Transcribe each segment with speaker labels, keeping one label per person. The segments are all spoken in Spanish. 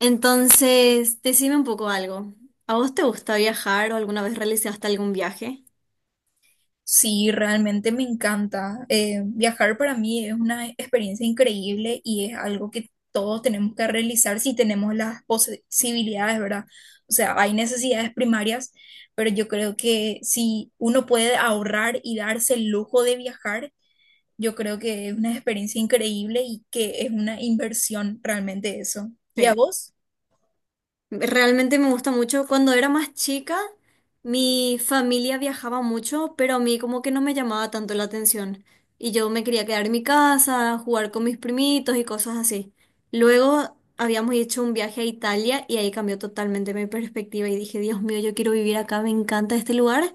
Speaker 1: Entonces, decime un poco algo. ¿A vos te gusta viajar o alguna vez realizaste algún viaje?
Speaker 2: Sí, realmente me encanta. Viajar para mí es una experiencia increíble y es algo que todos tenemos que realizar si tenemos las posibilidades, ¿verdad? O sea, hay necesidades primarias, pero yo creo que si uno puede ahorrar y darse el lujo de viajar, yo creo que es una experiencia increíble y que es una inversión realmente eso. ¿Y a
Speaker 1: Sí.
Speaker 2: vos?
Speaker 1: Realmente me gusta mucho. Cuando era más chica, mi familia viajaba mucho, pero a mí como que no me llamaba tanto la atención. Y yo me quería quedar en mi casa, jugar con mis primitos y cosas así. Luego habíamos hecho un viaje a Italia y ahí cambió totalmente mi perspectiva y dije, Dios mío, yo quiero vivir acá, me encanta este lugar.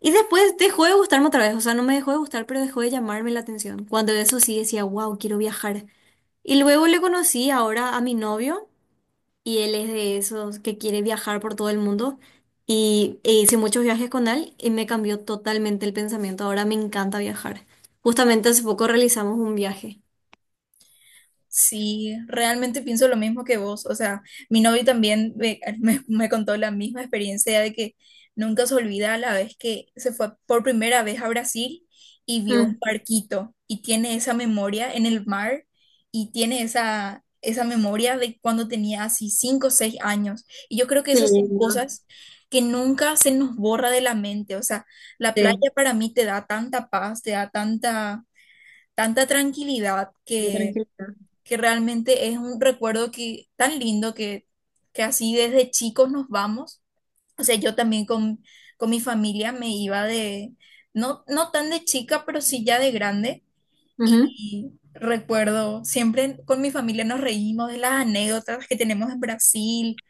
Speaker 1: Y después dejó de gustarme otra vez, o sea, no me dejó de gustar, pero dejó de llamarme la atención. Cuando eso sí decía, wow, quiero viajar. Y luego le conocí ahora a mi novio, y él es de esos que quiere viajar por todo el mundo, y hice muchos viajes con él, y me cambió totalmente el pensamiento. Ahora me encanta viajar. Justamente hace poco realizamos un viaje.
Speaker 2: Sí, realmente pienso lo mismo que vos. O sea, mi novio también me contó la misma experiencia de que nunca se olvida la vez que se fue por primera vez a Brasil y vio un
Speaker 1: Mm,
Speaker 2: barquito y tiene esa memoria en el mar y tiene esa memoria de cuando tenía así 5 o 6 años. Y yo creo que
Speaker 1: qué
Speaker 2: esas son
Speaker 1: lindo.
Speaker 2: cosas que nunca se nos borra de la mente. O sea, la playa
Speaker 1: Sí,
Speaker 2: para mí te da tanta paz, te da tanta, tanta tranquilidad
Speaker 1: qué tranquilidad.
Speaker 2: que realmente es un recuerdo que tan lindo que así desde chicos nos vamos. O sea, yo también con mi familia me iba de, no tan de chica, pero sí ya de grande.
Speaker 1: Ujú.
Speaker 2: Y recuerdo, siempre con mi familia nos reímos de las anécdotas que tenemos en Brasil,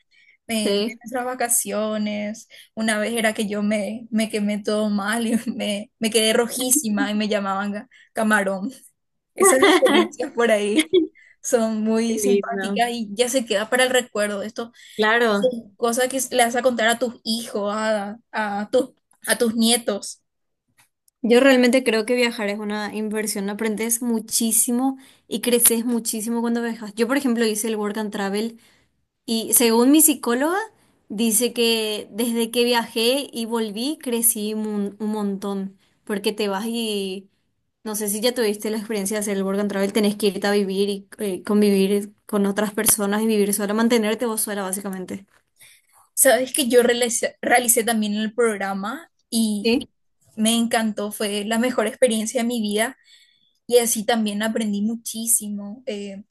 Speaker 2: en de
Speaker 1: Sí.
Speaker 2: nuestras vacaciones. Una vez era que yo me quemé todo mal y me quedé rojísima y me llamaban camarón. Esas experiencias por ahí son
Speaker 1: Qué
Speaker 2: muy
Speaker 1: lindo.
Speaker 2: simpáticas y ya se queda para el recuerdo. Esto es
Speaker 1: Claro.
Speaker 2: cosa que le vas a contar a tus hijos, a tus nietos.
Speaker 1: Yo realmente creo que viajar es una inversión, aprendes muchísimo y creces muchísimo cuando viajas. Yo, por ejemplo, hice el Work and Travel y, según mi psicóloga, dice que desde que viajé y volví, crecí un montón, porque te vas y no sé si ya tuviste la experiencia de hacer el Work and Travel. Tenés que irte a vivir y convivir con otras personas y vivir sola, mantenerte vos sola básicamente.
Speaker 2: Sabes que yo realicé también el programa y me encantó, fue la mejor experiencia de mi vida. Y así también aprendí muchísimo.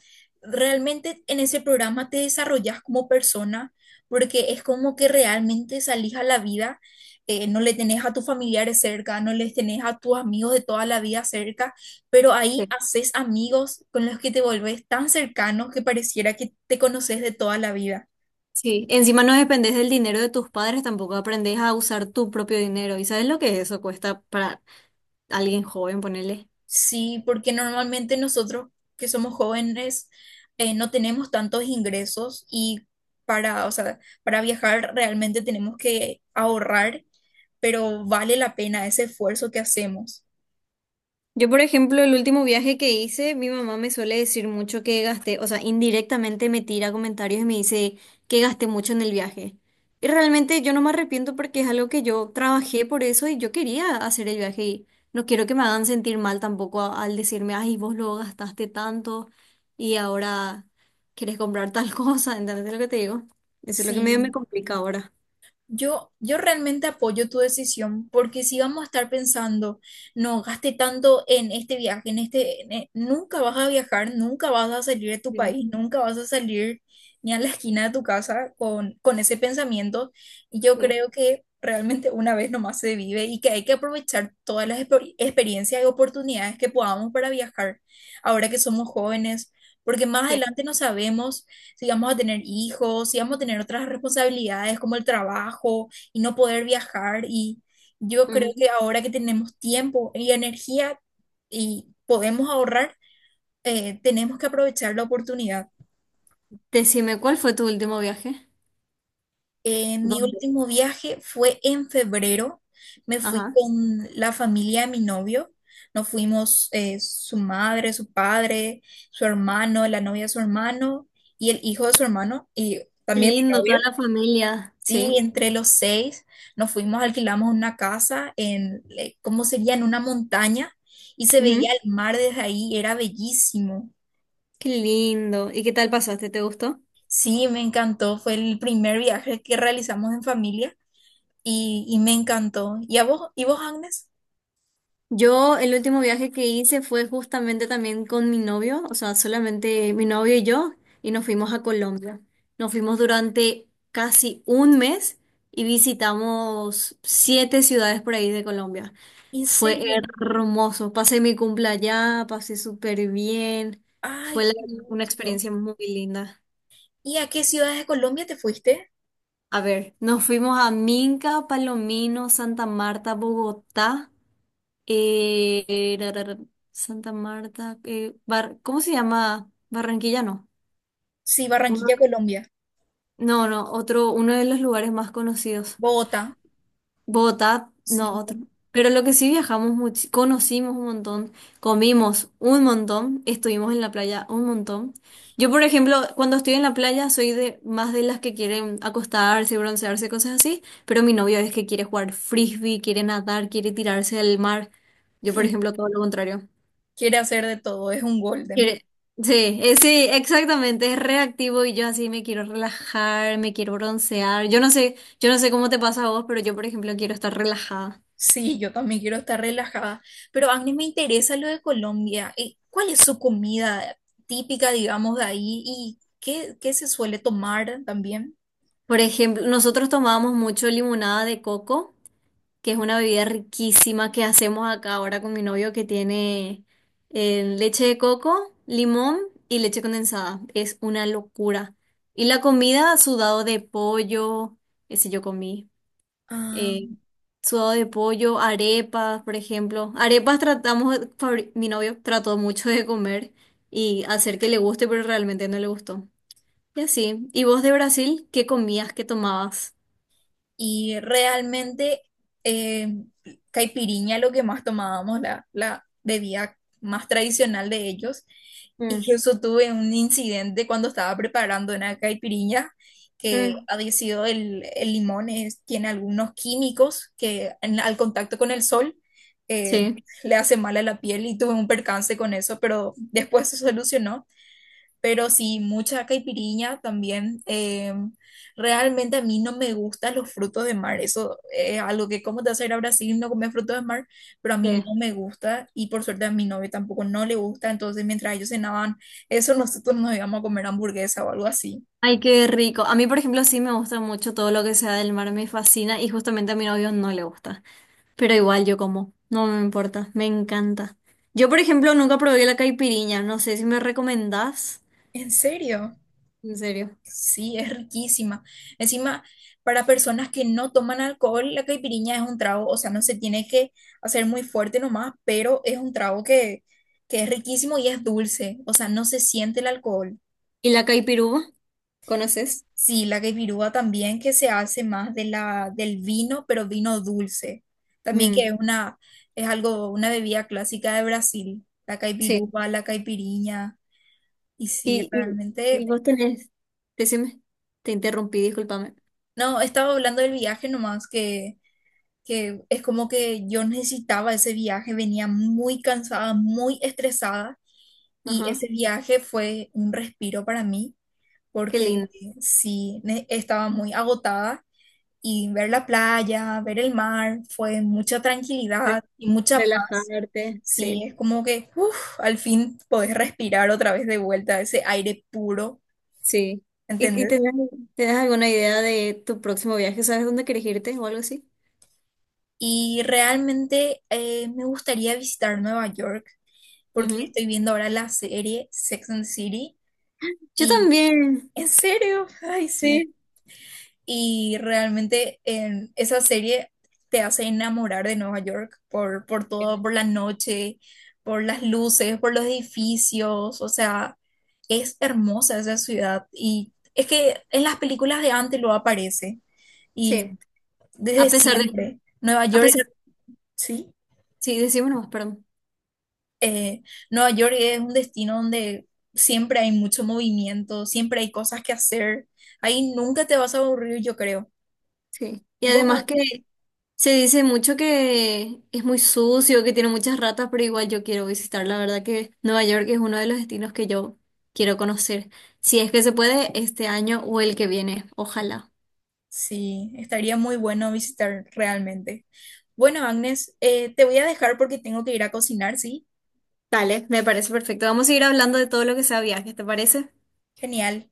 Speaker 2: Realmente en ese programa te desarrollas como persona porque es como que realmente salís a la vida, no le tenés a tus familiares cerca, no les tenés a tus amigos de toda la vida cerca, pero ahí
Speaker 1: Sí.
Speaker 2: haces amigos con los que te volvés tan cercanos que pareciera que te conoces de toda la vida.
Speaker 1: Sí, encima no dependes del dinero de tus padres, tampoco aprendes a usar tu propio dinero. ¿Y sabes lo que eso cuesta para alguien joven, ponerle?
Speaker 2: Sí, porque normalmente nosotros que somos jóvenes no tenemos tantos ingresos y o sea, para viajar realmente tenemos que ahorrar, pero vale la pena ese esfuerzo que hacemos.
Speaker 1: Yo, por ejemplo, el último viaje que hice, mi mamá me suele decir mucho que gasté, o sea, indirectamente me tira comentarios y me dice que gasté mucho en el viaje. Y realmente yo no me arrepiento porque es algo que yo trabajé por eso y yo quería hacer el viaje, y no quiero que me hagan sentir mal tampoco al decirme, ay, vos lo gastaste tanto y ahora quieres comprar tal cosa, ¿entendés lo que te digo? Eso es lo que medio me
Speaker 2: Sí.
Speaker 1: complica ahora.
Speaker 2: Yo realmente apoyo tu decisión porque si vamos a estar pensando, no gaste tanto en este viaje, nunca vas a viajar, nunca vas a salir de tu
Speaker 1: Sí.
Speaker 2: país, nunca vas a salir ni a la esquina de tu casa con ese pensamiento. Y yo
Speaker 1: Sí.
Speaker 2: creo que realmente una vez nomás se vive y que hay que aprovechar todas las experiencias y oportunidades que podamos para viajar ahora que somos jóvenes, porque más
Speaker 1: Sí.
Speaker 2: adelante no sabemos si vamos a tener hijos, si vamos a tener otras responsabilidades como el trabajo y no poder viajar. Y yo creo
Speaker 1: Ujú.
Speaker 2: que ahora que tenemos tiempo y energía y podemos ahorrar, tenemos que aprovechar la oportunidad.
Speaker 1: Decime, ¿cuál fue tu último viaje?
Speaker 2: Mi
Speaker 1: ¿Dónde?
Speaker 2: último viaje fue en febrero. Me fui
Speaker 1: Ajá.
Speaker 2: con la familia de mi novio. Nos fuimos su madre, su padre, su hermano, la novia de su hermano y el hijo de su hermano y
Speaker 1: Qué
Speaker 2: también mi
Speaker 1: lindo, toda
Speaker 2: novio.
Speaker 1: la familia,
Speaker 2: Sí,
Speaker 1: sí.
Speaker 2: entre los seis nos fuimos, alquilamos una casa en, ¿cómo sería? En una montaña y se veía
Speaker 1: Ujú.
Speaker 2: el mar desde ahí, era bellísimo.
Speaker 1: Qué lindo. ¿Y qué tal pasaste? ¿Te gustó?
Speaker 2: Sí, me encantó, fue el primer viaje que realizamos en familia y me encantó. ¿Y a vos, y vos, Agnes?
Speaker 1: Yo, el último viaje que hice fue justamente también con mi novio, o sea, solamente mi novio y yo, y nos fuimos a Colombia. Nos fuimos durante casi un mes y visitamos siete ciudades por ahí de Colombia.
Speaker 2: ¿En
Speaker 1: Fue
Speaker 2: serio?
Speaker 1: hermoso. Pasé mi cumple allá, pasé súper bien.
Speaker 2: Ay,
Speaker 1: Fue la-
Speaker 2: qué
Speaker 1: una
Speaker 2: gusto.
Speaker 1: experiencia muy linda.
Speaker 2: ¿Y a qué ciudades de Colombia te fuiste?
Speaker 1: A ver, nos fuimos a Minca, Palomino, Santa Marta, Bogotá, eh, eh, ra, ra, ra, Santa Marta, ¿cómo se llama? Barranquilla, no.
Speaker 2: Sí,
Speaker 1: Uno-
Speaker 2: Barranquilla, Colombia.
Speaker 1: no, no, otro, uno de los lugares más conocidos.
Speaker 2: Bogotá,
Speaker 1: Bogotá, no,
Speaker 2: sí,
Speaker 1: otro. Pero lo que sí, viajamos mucho, conocimos un montón, comimos un montón, estuvimos en la playa un montón. Yo, por ejemplo, cuando estoy en la playa soy de más de las que quieren acostarse, broncearse, cosas así, pero mi novio es que quiere jugar frisbee, quiere nadar, quiere tirarse al mar. Yo, por ejemplo, todo lo contrario.
Speaker 2: quiere hacer de todo, es un golden.
Speaker 1: Quiere- Sí, sí, exactamente, es reactivo y yo así me quiero relajar, me quiero broncear. Yo no sé, cómo te pasa a vos, pero yo, por ejemplo, quiero estar relajada.
Speaker 2: Sí, yo también quiero estar relajada. Pero Agnes, me interesa lo de Colombia. ¿Cuál es su comida típica, digamos, de ahí? ¿Y qué, qué se suele tomar también?
Speaker 1: Por ejemplo, nosotros tomábamos mucho limonada de coco, que es una bebida riquísima que hacemos acá ahora con mi novio, que tiene leche de coco, limón y leche condensada. Es una locura. Y la comida, sudado de pollo, ese yo comí.
Speaker 2: Ah.
Speaker 1: eh, sudado de pollo, arepas, por ejemplo. Arepas tratamos, mi novio trató mucho de comer y hacer que le guste, pero realmente no le gustó. Y así. ¿Y vos de Brasil, qué comías, qué tomabas?
Speaker 2: Y realmente eh, caipiriña lo que más tomábamos, la bebida más tradicional de ellos. Incluso tuve un incidente cuando estaba preparando una caipiriña que
Speaker 1: Mm,
Speaker 2: había sido el limón, tiene algunos químicos que al contacto con el sol eh,
Speaker 1: sí,
Speaker 2: le hace mal a la piel y tuve un percance con eso, pero después se solucionó pero sí, mucha caipiriña también. Realmente a mí no me gustan los frutos de mar. Eso es algo que, ¿cómo te vas a ir a Brasil y no comer frutos de mar? Pero a mí no
Speaker 1: sí.
Speaker 2: me gusta y por suerte a mi novio tampoco no le gusta. Entonces, mientras ellos cenaban eso, nosotros nos íbamos a comer hamburguesa o algo así.
Speaker 1: Ay, qué rico. A mí, por ejemplo, sí me gusta mucho todo lo que sea del mar, me fascina, y justamente a mi novio no le gusta. Pero igual yo como, no me importa, me encanta. Yo, por ejemplo, nunca probé la caipiriña, no sé si me recomendás.
Speaker 2: ¿En serio?
Speaker 1: En serio.
Speaker 2: Sí, es riquísima. Encima, para personas que no toman alcohol, la caipirinha es un trago, o sea, no se tiene que hacer muy fuerte nomás, pero es un trago que es riquísimo y es dulce, o sea, no se siente el alcohol.
Speaker 1: ¿Y la caipiruva? ¿Conoces?
Speaker 2: Sí, la caipirúa también que se hace más de del vino, pero vino dulce. También que
Speaker 1: Mm,
Speaker 2: es una, es algo, una bebida clásica de Brasil, la
Speaker 1: sí.
Speaker 2: caipirúa, la caipirinha. Y sí,
Speaker 1: Y, y, y
Speaker 2: realmente,
Speaker 1: vos tenés, decime, te interrumpí, discúlpame.
Speaker 2: no, estaba hablando del viaje nomás que es como que yo necesitaba ese viaje, venía muy cansada, muy estresada y
Speaker 1: Ajá,
Speaker 2: ese viaje fue un respiro para mí
Speaker 1: qué
Speaker 2: porque
Speaker 1: lindo.
Speaker 2: sí, estaba muy agotada y ver la playa, ver el mar, fue mucha tranquilidad
Speaker 1: Re-
Speaker 2: y mucha paz.
Speaker 1: Relajarte,
Speaker 2: Sí,
Speaker 1: sí.
Speaker 2: es como que uf, al fin podés respirar otra vez de vuelta ese aire puro,
Speaker 1: Sí. ¿Y
Speaker 2: ¿entendés?
Speaker 1: tenés, tenés alguna idea de tu próximo viaje? ¿Sabes dónde querés irte o algo así?
Speaker 2: Y realmente me gustaría visitar Nueva York, porque
Speaker 1: Ujú.
Speaker 2: estoy viendo ahora la serie Sex and the City
Speaker 1: Yo
Speaker 2: y
Speaker 1: también.
Speaker 2: en serio, ay sí.
Speaker 1: Sí.
Speaker 2: Y realmente en esa serie te hace enamorar de Nueva York por todo, por la noche, por las luces, por los edificios, o sea, es hermosa esa ciudad y es que en las películas de antes lo aparece y
Speaker 1: Sí. A
Speaker 2: desde
Speaker 1: pesar de,
Speaker 2: siempre Nueva
Speaker 1: a
Speaker 2: York,
Speaker 1: pesar,
Speaker 2: sí.
Speaker 1: sí, decimos nomás, perdón.
Speaker 2: eh, Nueva York es un destino donde siempre hay mucho movimiento, siempre hay cosas que hacer. Ahí nunca te vas a aburrir, yo creo.
Speaker 1: Sí. Y
Speaker 2: ¿Y vos,
Speaker 1: además que
Speaker 2: Agnes?
Speaker 1: se dice mucho que es muy sucio, que tiene muchas ratas, pero igual yo quiero visitar. La verdad que Nueva York es uno de los destinos que yo quiero conocer. Si es que se puede este año o el que viene, ojalá.
Speaker 2: Sí, estaría muy bueno visitar realmente. Bueno, Agnes, te voy a dejar porque tengo que ir a cocinar, ¿sí?
Speaker 1: Dale, me parece perfecto. Vamos a ir hablando de todo lo que sea viajes, ¿te parece?
Speaker 2: Genial.